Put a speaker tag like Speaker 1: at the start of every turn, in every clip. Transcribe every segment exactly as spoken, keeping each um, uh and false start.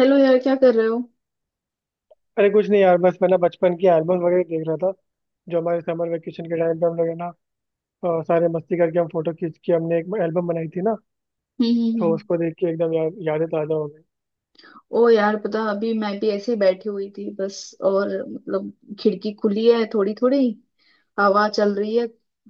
Speaker 1: Hello यार, क्या कर रहे हो?
Speaker 2: अरे कुछ नहीं यार, बस मैं ना बचपन की एल्बम वगैरह देख रहा था। जो हमारे समर वेकेशन के टाइम पे हम लोग है ना, अ, सारे मस्ती करके हम फोटो खींच के हमने एक एल्बम बनाई थी ना।
Speaker 1: हम्म हम्म
Speaker 2: तो
Speaker 1: हम्म।
Speaker 2: उसको देख के एकदम यार यादें ताजा हो गई।
Speaker 1: ओ यार, पता अभी मैं भी ऐसे ही बैठी हुई थी बस। और मतलब खिड़की खुली है, थोड़ी थोड़ी हवा चल रही है,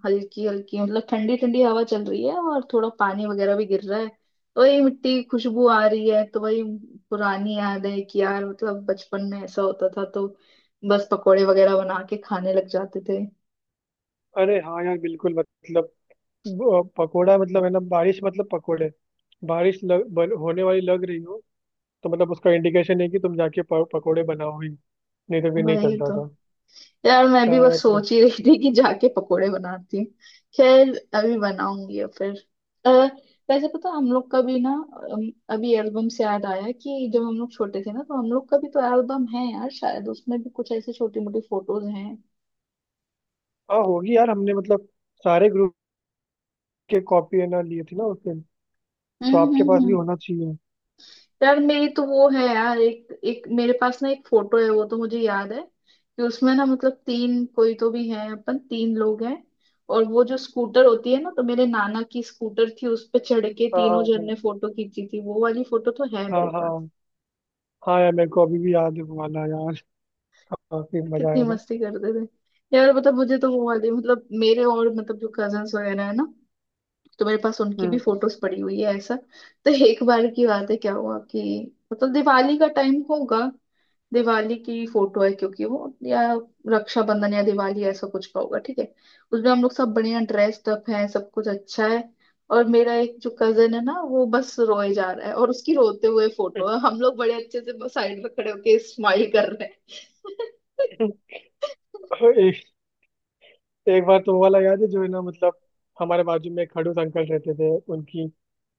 Speaker 1: हल्की हल्की मतलब ठंडी ठंडी हवा चल रही है, और थोड़ा पानी वगैरह भी गिर रहा है। तो ये मिट्टी की खुशबू आ रही है, तो वही पुरानी याद है कि यार मतलब बचपन में ऐसा होता था, तो बस पकोड़े वगैरह बना के खाने लग जाते थे।
Speaker 2: अरे हाँ यार, बिल्कुल मतलब, ब- पकोड़ा मतलब है ना, बारिश मतलब पकोड़े। बारिश लग, बन, होने वाली लग रही हो, तो मतलब उसका इंडिकेशन है कि तुम जाके प- पकोड़े बनाओ ही, नहीं तो फिर नहीं
Speaker 1: वही
Speaker 2: चलता
Speaker 1: तो।
Speaker 2: था।
Speaker 1: यार मैं भी
Speaker 2: यार
Speaker 1: बस
Speaker 2: मतलब।
Speaker 1: सोच ही रही थी कि जाके पकोड़े बनाती हूँ। खैर, अभी बनाऊंगी या फिर अ, वैसे पता हम लोग का भी ना। अम, अभी एल्बम से याद आया कि जब हम लोग छोटे थे ना, तो हम लोग का भी तो एल्बम है यार। शायद उसमें भी कुछ ऐसी छोटी मोटी फोटोज हैं।
Speaker 2: हाँ होगी यार, हमने मतलब सारे ग्रुप के कॉपी है ना लिए थी ना उस दिन,
Speaker 1: हम्म
Speaker 2: तो आपके
Speaker 1: हम्म
Speaker 2: पास भी
Speaker 1: हम्म।
Speaker 2: होना चाहिए।
Speaker 1: यार मेरी तो वो है यार, एक एक मेरे पास ना एक फोटो है। वो तो मुझे याद है कि उसमें ना मतलब तीन, कोई तो भी है, अपन तीन लोग हैं। और वो जो स्कूटर होती है ना, तो मेरे नाना की स्कूटर थी, उस पे चढ़ के
Speaker 2: हाँ हाँ
Speaker 1: तीनों जन
Speaker 2: हाँ।
Speaker 1: ने फोटो खींची थी। वो वाली फोटो तो है
Speaker 2: हाँ
Speaker 1: मेरे पास।
Speaker 2: हाँ। हाँ यार, मेरे को अभी भी याद है वो वाला यार। काफी मजा
Speaker 1: कितनी
Speaker 2: आया था।
Speaker 1: मस्ती करते थे। यार मतलब मुझे तो वो वाली, मतलब मेरे और मतलब जो कजन्स वगैरह है ना, तो मेरे पास उनकी भी
Speaker 2: हम्म।
Speaker 1: फोटोज पड़ी हुई है ऐसा। तो एक बार की बात है, क्या हुआ कि मतलब दिवाली का टाइम होगा, दिवाली की फोटो है क्योंकि वो या रक्षाबंधन या दिवाली, ऐसा कुछ का होगा, ठीक है। उसमें हम लोग सब बढ़िया ड्रेस्ड अप हैं, सब कुछ अच्छा है, और मेरा एक जो कजन है ना वो बस रोए जा रहा है, और उसकी रोते हुए फोटो है। हम लोग बड़े अच्छे से साइड में खड़े होके स्माइल कर रहे हैं।
Speaker 2: एक, एक बार तो वो वाला याद है, जो है ना मतलब हमारे बाजू में एक खड़ूस अंकल रहते थे, उनकी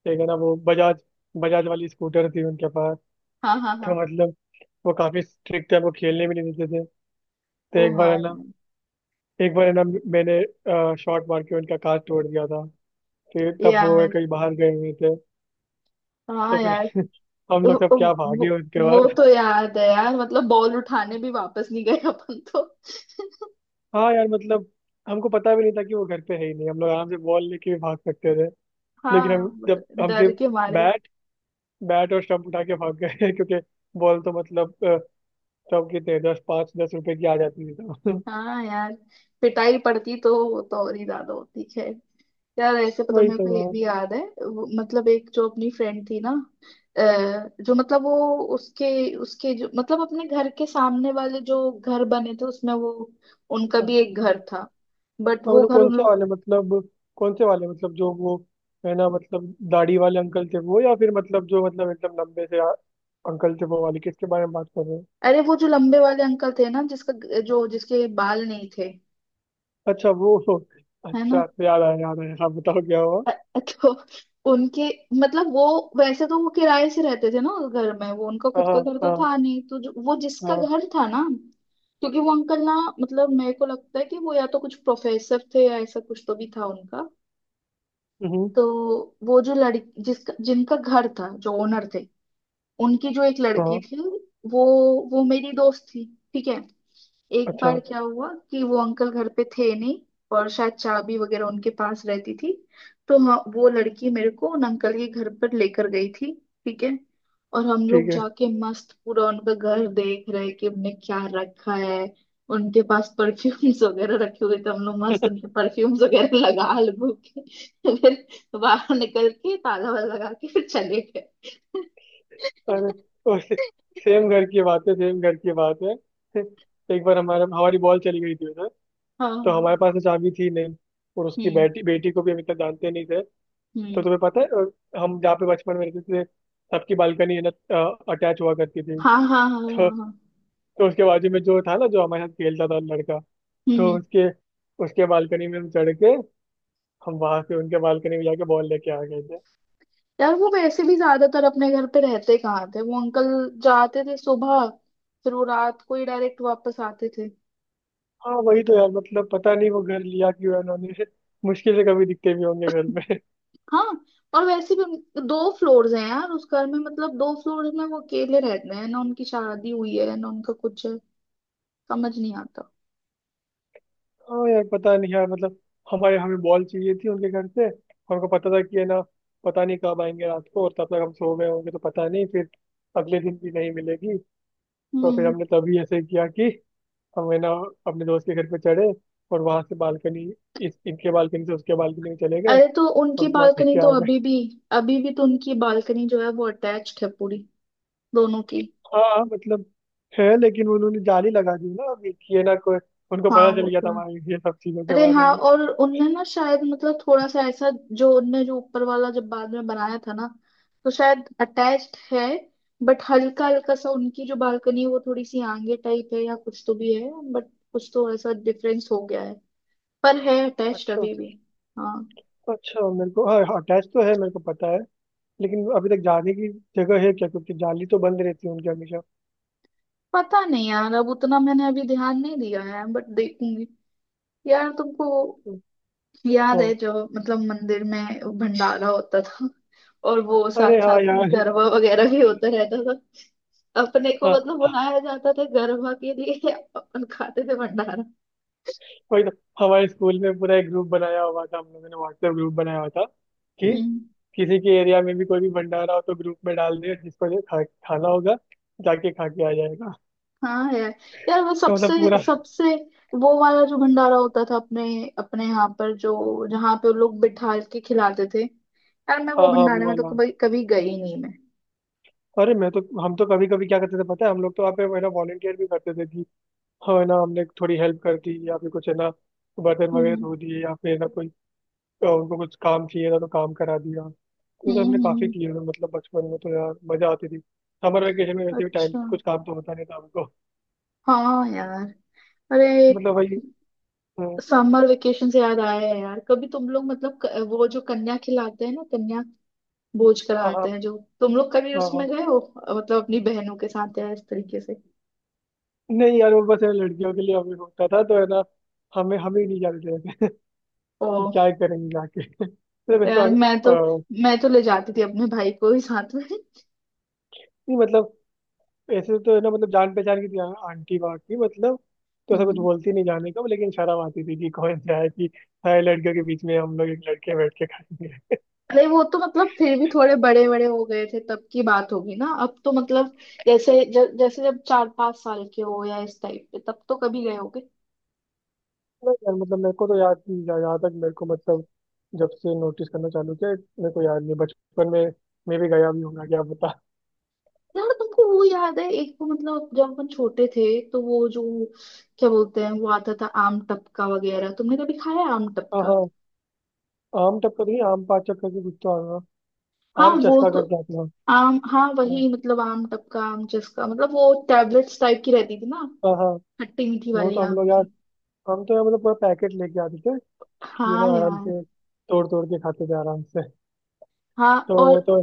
Speaker 2: एक है ना वो बजाज, बजाज वाली स्कूटर थी उनके पास।
Speaker 1: हाँ हाँ हाँ।
Speaker 2: तो मतलब वो काफी स्ट्रिक्ट है, वो खेलने भी नहीं देते थे। तो
Speaker 1: ओ
Speaker 2: एक बार
Speaker 1: हाँ।
Speaker 2: है ना, एक बार है ना मैंने शॉट मार के उनका कांच तोड़ दिया था। फिर तब
Speaker 1: यार
Speaker 2: वो
Speaker 1: यार,
Speaker 2: कहीं बाहर गए हुए थे। तो
Speaker 1: हाँ
Speaker 2: फिर
Speaker 1: यार।
Speaker 2: हम लोग सब क्या
Speaker 1: वो,
Speaker 2: भागे
Speaker 1: वो
Speaker 2: उनके।
Speaker 1: वो तो याद है यार, मतलब बॉल उठाने भी वापस नहीं गए अपन तो।
Speaker 2: हाँ यार मतलब हमको पता भी नहीं था कि वो घर पे है ही नहीं, हम लोग आराम से बॉल लेके भी भाग सकते थे। लेकिन हम,
Speaker 1: हाँ but
Speaker 2: जब हम
Speaker 1: डर
Speaker 2: सिर्फ
Speaker 1: के मारे।
Speaker 2: बैट बैट और स्टंप उठा के भाग गए क्योंकि बॉल तो मतलब अ, तब कितने दस, पाँच दस रुपए की आ जाती थी तो।
Speaker 1: हाँ यार, पिटाई पड़ती तो वो तो और ही ज्यादा होती है। यार ऐसे पता
Speaker 2: वही
Speaker 1: मेरे
Speaker 2: तो
Speaker 1: को ये
Speaker 2: यार।
Speaker 1: भी याद है, वो, मतलब एक जो अपनी फ्रेंड थी ना। अ, जो मतलब वो उसके उसके जो मतलब अपने घर के सामने वाले जो घर बने थे उसमें वो, उनका
Speaker 2: अच्छा,
Speaker 1: भी एक घर था। बट
Speaker 2: और
Speaker 1: वो
Speaker 2: मतलब
Speaker 1: घर
Speaker 2: कौन
Speaker 1: उन
Speaker 2: से
Speaker 1: लोग,
Speaker 2: वाले मतलब, कौन से वाले मतलब जो वो है ना मतलब दाढ़ी वाले अंकल थे वो, या फिर मतलब जो मतलब एकदम लंबे से आ- अंकल थे वो वाले, किसके बारे में बात कर रहे हैं?
Speaker 1: अरे वो जो लंबे वाले अंकल थे ना, जिसका जो जिसके बाल नहीं थे,
Speaker 2: अच्छा वो,
Speaker 1: है ना।
Speaker 2: अच्छा याद आया याद आया, हाँ बताओ क्या हुआ।
Speaker 1: अ- तो उनके, मतलब वो, वैसे तो वो किराए से रहते थे ना उस घर में। वो उनका
Speaker 2: हाँ
Speaker 1: खुद का
Speaker 2: हाँ
Speaker 1: घर तो
Speaker 2: हाँ
Speaker 1: था नहीं, तो जो, वो जिसका
Speaker 2: हाँ।
Speaker 1: घर था ना, क्योंकि वो अंकल ना, मतलब मेरे को लगता है कि वो या तो कुछ प्रोफेसर थे या ऐसा कुछ तो भी था उनका।
Speaker 2: हम्म।
Speaker 1: तो वो जो लड़की, जिसका जिनका घर था, जो ओनर थे, उनकी जो एक लड़की
Speaker 2: हाँ।
Speaker 1: थी, वो वो मेरी दोस्त थी, ठीक है। एक
Speaker 2: अच्छा।
Speaker 1: बार क्या हुआ कि वो अंकल घर पे थे नहीं, और शायद चाबी वगैरह उनके पास रहती थी। तो हाँ वो लड़की मेरे को उन अंकल के घर पर लेकर गई थी, ठीक है। और हम लोग
Speaker 2: ठीक है।
Speaker 1: जाके मस्त पूरा उनका घर देख रहे कि उनने क्या रखा है। उनके पास परफ्यूम्स वगैरह रखे हुए थे, हम लोग मस्त उनके परफ्यूम्स वगैरह लगा लगू के फिर बाहर निकल के ताला वाला लगा के फिर चले गए।
Speaker 2: अरे वो से, सेम घर की बात है, सेम घर की बात है। एक बार हमारे, हमारी बॉल चली गई थी उधर।
Speaker 1: हाँ
Speaker 2: तो हमारे
Speaker 1: हाँ।
Speaker 2: पास तो चाबी थी नहीं, और उसकी
Speaker 1: हम्म
Speaker 2: बेटी बेटी को भी हम इतना जानते नहीं थे। तो
Speaker 1: हम्म।
Speaker 2: तुम्हें पता है, अ, हम जहाँ पे बचपन में रहते थे, सबकी बालकनी है ना अटैच हुआ करती थी।
Speaker 1: हाँ हाँ हाँ
Speaker 2: तो
Speaker 1: हाँ हाँ।
Speaker 2: तो उसके बाजू में जो था ना, जो हमारे साथ खेलता था लड़का,
Speaker 1: हम्म
Speaker 2: तो
Speaker 1: हम्म।
Speaker 2: उसके, उसके बालकनी में हम चढ़ के हम वहां से उनके बालकनी में जाके बॉल लेके आ गए।
Speaker 1: यार वो वैसे भी ज्यादातर अपने घर पे रहते कहाँ थे वो अंकल? जाते थे सुबह, फिर वो रात को ही डायरेक्ट वापस आते थे।
Speaker 2: हाँ वही तो यार, मतलब पता नहीं वो घर लिया क्यों है उन्होंने। मुश्किल से कभी दिखते भी होंगे घर में।
Speaker 1: हाँ। और वैसे भी दो फ्लोर्स हैं यार उस घर में, मतलब दो फ्लोर्स में वो अकेले रहते हैं ना, उनकी शादी हुई है ना उनका कुछ है, समझ नहीं आता।
Speaker 2: हाँ यार, पता नहीं यार मतलब, हमारे, हमें बॉल चाहिए थी उनके घर से। हमको पता था कि है ना पता नहीं कब आएंगे रात को, और तब तक हम सो गए होंगे, तो पता नहीं फिर अगले दिन भी नहीं मिलेगी। तो फिर
Speaker 1: हम्म।
Speaker 2: हमने तभी ऐसे किया कि हम है ना अपने दोस्त के घर पे चढ़े, और वहां से बालकनी, इस इनके बालकनी से उसके बालकनी में चले गए
Speaker 1: अरे तो उनकी
Speaker 2: और वहाँ देख
Speaker 1: बालकनी
Speaker 2: के
Speaker 1: तो
Speaker 2: आ।
Speaker 1: अभी भी, अभी भी तो उनकी बालकनी जो है वो अटैच्ड है पूरी, दोनों की।
Speaker 2: हाँ हाँ, मतलब है, लेकिन उन्होंने जाली लगा दी ना अभी कि ये ना कोई। उनको
Speaker 1: हाँ
Speaker 2: पता चल
Speaker 1: वो
Speaker 2: गया
Speaker 1: तो
Speaker 2: था
Speaker 1: है।
Speaker 2: हमारे ये सब चीजों के
Speaker 1: अरे
Speaker 2: बारे
Speaker 1: हाँ,
Speaker 2: में।
Speaker 1: और उनने ना शायद मतलब थोड़ा सा ऐसा, जो उनने जो ऊपर वाला जब बाद में बनाया था ना, तो शायद अटैच्ड है। बट हल्का हल्का सा उनकी जो बालकनी है वो थोड़ी सी आगे टाइप है या कुछ तो भी है, बट कुछ तो ऐसा डिफरेंस हो गया है। पर है अटैच्ड
Speaker 2: अच्छा,
Speaker 1: अभी भी। हाँ।
Speaker 2: अच्छा मेरे को हाँ हाँ, अटैच तो है मेरे को पता है, लेकिन अभी तक जाने की जगह है क्या, क्योंकि जाली तो बंद रहती है उनकी हमेशा।
Speaker 1: पता नहीं यार, अब उतना मैंने अभी ध्यान नहीं दिया है, बट देखूंगी। यार तुमको वो याद है,
Speaker 2: हाँ।
Speaker 1: जो मतलब मंदिर में भंडारा होता था, और वो
Speaker 2: अरे
Speaker 1: साथ
Speaker 2: हाँ
Speaker 1: साथ में
Speaker 2: यार।
Speaker 1: गरबा वगैरह भी होता रहता था? अपने को
Speaker 2: हाँ
Speaker 1: मतलब बुलाया जाता था गरबा के लिए, अपन खाते थे भंडारा।
Speaker 2: वही तो, हमारे स्कूल में पूरा एक ग्रुप बनाया हुआ था, हम लोगों ने व्हाट्सएप ग्रुप बनाया हुआ था कि
Speaker 1: हम्म।
Speaker 2: किसी के एरिया में भी कोई भी भंडारा हो तो ग्रुप में डाल दे, जिसको जो खा, खाना होगा जाके खा के आ जाएगा।
Speaker 1: हाँ यार। यार वो
Speaker 2: तो
Speaker 1: सबसे
Speaker 2: मतलब पूरा।
Speaker 1: सबसे, वो वाला जो भंडारा होता था अपने, अपने यहाँ पर जो जहाँ पे वो लोग बिठा के खिलाते थे, यार मैं
Speaker 2: हाँ
Speaker 1: वो
Speaker 2: हाँ, वो
Speaker 1: भंडारे में तो
Speaker 2: वाला।
Speaker 1: कभी कभी गई ही नहीं मैं।
Speaker 2: अरे मैं तो, हम तो कभी कभी क्या करते थे पता है, हम लोग तो आप है ना वॉलंटियर भी करते थे कि हाँ है ना हमने थोड़ी हेल्प कर दी, या फिर कुछ है ना बर्तन वगैरह
Speaker 1: हम्म
Speaker 2: धो दिए, या फिर है ना कोई अ, उनको कुछ काम चाहिए था तो काम करा दिया। ये तो हमने
Speaker 1: हम्म
Speaker 2: काफी
Speaker 1: हम्म।
Speaker 2: किए हुए हैं, मतलब बचपन में तो यार मजा आती थी। समर वेकेशन में वैसे भी टाइम,
Speaker 1: अच्छा।
Speaker 2: कुछ काम तो होता नहीं था हमको।
Speaker 1: हाँ यार। अरे,
Speaker 2: मतलब वही अ,
Speaker 1: समर वेकेशन से याद आया है यार, कभी तुम लोग मतलब क- वो जो कन्या खिलाते हैं ना, कन्या बोझ
Speaker 2: हाँ
Speaker 1: कराते
Speaker 2: हाँ।
Speaker 1: हैं, जो तुम लोग कभी
Speaker 2: हाँ
Speaker 1: उसमें
Speaker 2: हाँ।
Speaker 1: गए हो अ, मतलब अपनी बहनों के साथ या इस तरीके से?
Speaker 2: नहीं यार वो बस है ना, लड़कियों के लिए हमें होता था तो है ना, हमें हमें ही नहीं जाने देते थे।
Speaker 1: ओ
Speaker 2: कि क्या करेंगे जाके। तो वैसा
Speaker 1: यार, मैं तो,
Speaker 2: अ,
Speaker 1: मैं तो ले जाती थी अपने भाई को ही साथ में।
Speaker 2: नहीं मतलब ऐसे तो है ना मतलब जान पहचान की थी आ- आंटी बाकी मतलब, तो ऐसा कुछ
Speaker 1: हम्म।
Speaker 2: बोलती नहीं जाने का, लेकिन शर्म आती थी कि कौन सा है कि सारे लड़कियों के बीच में हम लोग एक लड़के बैठ के खाएंगे।
Speaker 1: अरे वो तो मतलब फिर भी थोड़े बड़े बड़े हो गए थे तब की बात होगी ना, अब तो मतलब जैसे ज, जैसे जब चार पांच साल के हो या इस टाइप पे तब तो कभी गए होगे।
Speaker 2: नहीं यार मतलब मेरे को तो याद नहीं, जहाँ जहाँ तक मेरे को मतलब जब से नोटिस करना चालू किया मेरे को याद नहीं, बचपन में मैं भी गया भी हूँ ना, क्या पता।
Speaker 1: यार तुमको वो याद है, एक वो मतलब जब अपन छोटे थे, तो वो जो क्या बोलते हैं, वो आता था आम टपका वगैरह, तुमने कभी खाया है आम
Speaker 2: हाँ
Speaker 1: टपका?
Speaker 2: हाँ। आम टपका तो नहीं, आम पाचक करके कुछ तो आ रहा,
Speaker 1: हाँ
Speaker 2: आम
Speaker 1: वो
Speaker 2: चस्का
Speaker 1: तो,
Speaker 2: करके आते हैं।
Speaker 1: आम हाँ
Speaker 2: हाँ
Speaker 1: वही, मतलब आम टपका, आम जिसका मतलब वो टैबलेट्स टाइप की रहती थी ना,
Speaker 2: हाँ हाँ,
Speaker 1: खट्टी मीठी
Speaker 2: वो
Speaker 1: वाली
Speaker 2: तो हम
Speaker 1: आम
Speaker 2: लोग यार,
Speaker 1: की।
Speaker 2: हम तो यार मतलब पूरा पैकेट लेके आते थे कि ना
Speaker 1: हाँ
Speaker 2: आराम
Speaker 1: यार।
Speaker 2: से तोड़ तोड़ के खाते थे आराम से।
Speaker 1: हाँ
Speaker 2: तो
Speaker 1: और
Speaker 2: वो तो।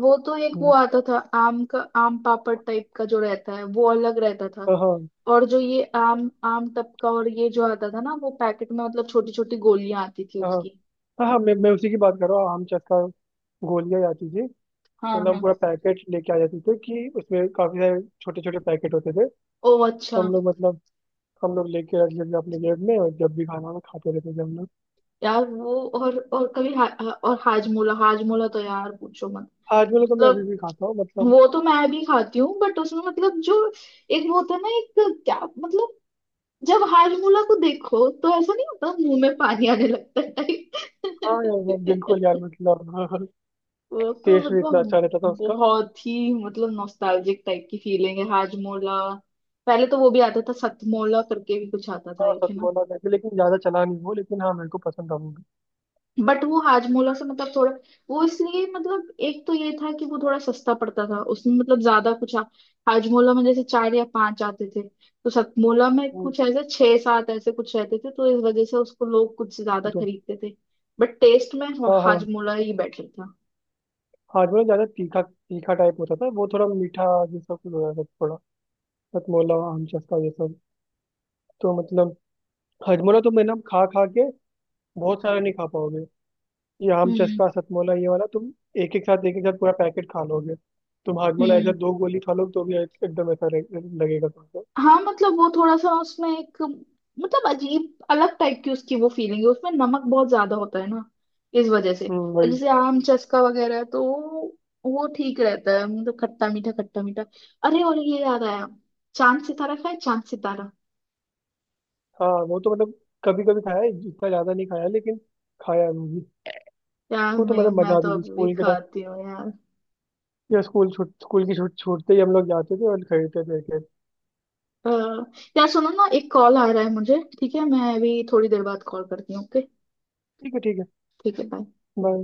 Speaker 1: वो तो, एक वो आता था आम का, आम पापड़ टाइप का जो रहता है वो अलग रहता था,
Speaker 2: हाँ हाँ।
Speaker 1: और जो ये आम, आम टपका और ये जो आता था ना वो पैकेट में, मतलब छोटी छोटी गोलियां आती थी
Speaker 2: हाँ
Speaker 1: उसकी।
Speaker 2: हाँ हाँ, मैं मैं उसी की बात कर रहा हूँ, आम चक्का, गोलियाँ आती थी।
Speaker 1: हाँ
Speaker 2: तो ना हम
Speaker 1: हाँ।
Speaker 2: पूरा पैकेट लेके आ जाते थे, कि उसमें काफी सारे छोटे छोटे पैकेट होते थे।
Speaker 1: ओ अच्छा।
Speaker 2: तो हम लोग मतलब हम लोग लेके रख लेते अपने जेब में, और जब भी खाना हो खाते रहते थे हम लोग।
Speaker 1: यार वो, और और कभी हा, हा- और हाजमोला, हाजमोला तो यार पूछो मत।
Speaker 2: आज वाला तो मैं
Speaker 1: मतलब
Speaker 2: अभी भी खाता हूँ, मतलब।
Speaker 1: वो तो मैं भी खाती हूँ, बट उसमें मतलब जो एक वो होता है ना, एक क्या मतलब, जब हाजमोला को देखो तो ऐसा नहीं होता मुंह में पानी आने लगता है
Speaker 2: हाँ यार वो बिल्कुल
Speaker 1: टाइप?
Speaker 2: यार मतलब
Speaker 1: वो तो
Speaker 2: टेस्ट भी इतना
Speaker 1: मतलब
Speaker 2: अच्छा रहता था उसका।
Speaker 1: बहुत ही मतलब नॉस्टैल्जिक टाइप की फीलिंग है हाजमोला। पहले तो वो भी आता था, सतमोला करके भी कुछ आता था
Speaker 2: हाँ
Speaker 1: एक है।
Speaker 2: सतमोला करके, लेकिन ज्यादा चला नहीं वो, लेकिन हाँ मेरे को पसंद था वो भी।
Speaker 1: बट वो हाजमोला से मतलब थोड़ा, वो इसलिए मतलब एक तो ये था कि वो थोड़ा सस्ता पड़ता था, उसमें मतलब ज्यादा कुछ आ- हाजमोला में जैसे चार या पांच आते थे, तो सतमोला में
Speaker 2: हम्म,
Speaker 1: कुछ ऐसे छह सात ऐसे कुछ रहते थे, तो इस वजह से उसको लोग कुछ ज्यादा
Speaker 2: तो
Speaker 1: खरीदते थे। बट टेस्ट में हा-
Speaker 2: हाँ हाँ,
Speaker 1: हाजमोला ही बेटर था।
Speaker 2: हाजमा ज्यादा तीखा तीखा टाइप होता था, वो थोड़ा मीठा जैसा कुछ हो जाता था। हथमोला, आम चस्का, ये सब, तो मतलब हथमोला तुम है ना खा खा के बहुत सारा नहीं खा पाओगे। ये आम
Speaker 1: हम्म
Speaker 2: चस्का, सतमोला, ये वाला तुम एक एक साथ, एक एक साथ पूरा पैकेट खा लोगे। तुम हाजमोला ऐसा
Speaker 1: हम्म।
Speaker 2: दो गोली खा लोगे तो भी एक- एकदम ऐसा रहे- लगेगा तुमको।
Speaker 1: हाँ मतलब वो थोड़ा सा उसमें एक मतलब अजीब अलग टाइप की उसकी वो फीलिंग है, उसमें नमक बहुत ज्यादा होता है ना, इस वजह से।
Speaker 2: हम्म
Speaker 1: और
Speaker 2: वही।
Speaker 1: जैसे आम चस्का वगैरह है, तो वो ठीक रहता है, मतलब खट्टा मीठा खट्टा मीठा। अरे और ये याद आया, चांद सितारा, खाए चांद सितारा?
Speaker 2: हाँ वो तो मतलब कभी कभी खाया है, इतना ज्यादा नहीं खाया लेकिन, खाया है वो भी।
Speaker 1: यार
Speaker 2: वो तो
Speaker 1: मैं
Speaker 2: मतलब
Speaker 1: मैं
Speaker 2: मजा
Speaker 1: तो
Speaker 2: आती थी
Speaker 1: अभी भी
Speaker 2: स्कूल के टाइम,
Speaker 1: खाती हूँ यार।
Speaker 2: या स्कूल छूट, स्कूल की छूट छूटते ही हम लोग जाते थे और खरीदते थे एक एक।
Speaker 1: अ, यार सुनो ना, एक कॉल आ रहा है मुझे, ठीक है? मैं अभी थोड़ी देर बाद कॉल करती हूँ, ओके?
Speaker 2: ठीक है ठीक है।
Speaker 1: ठीक है, bye.
Speaker 2: बाय।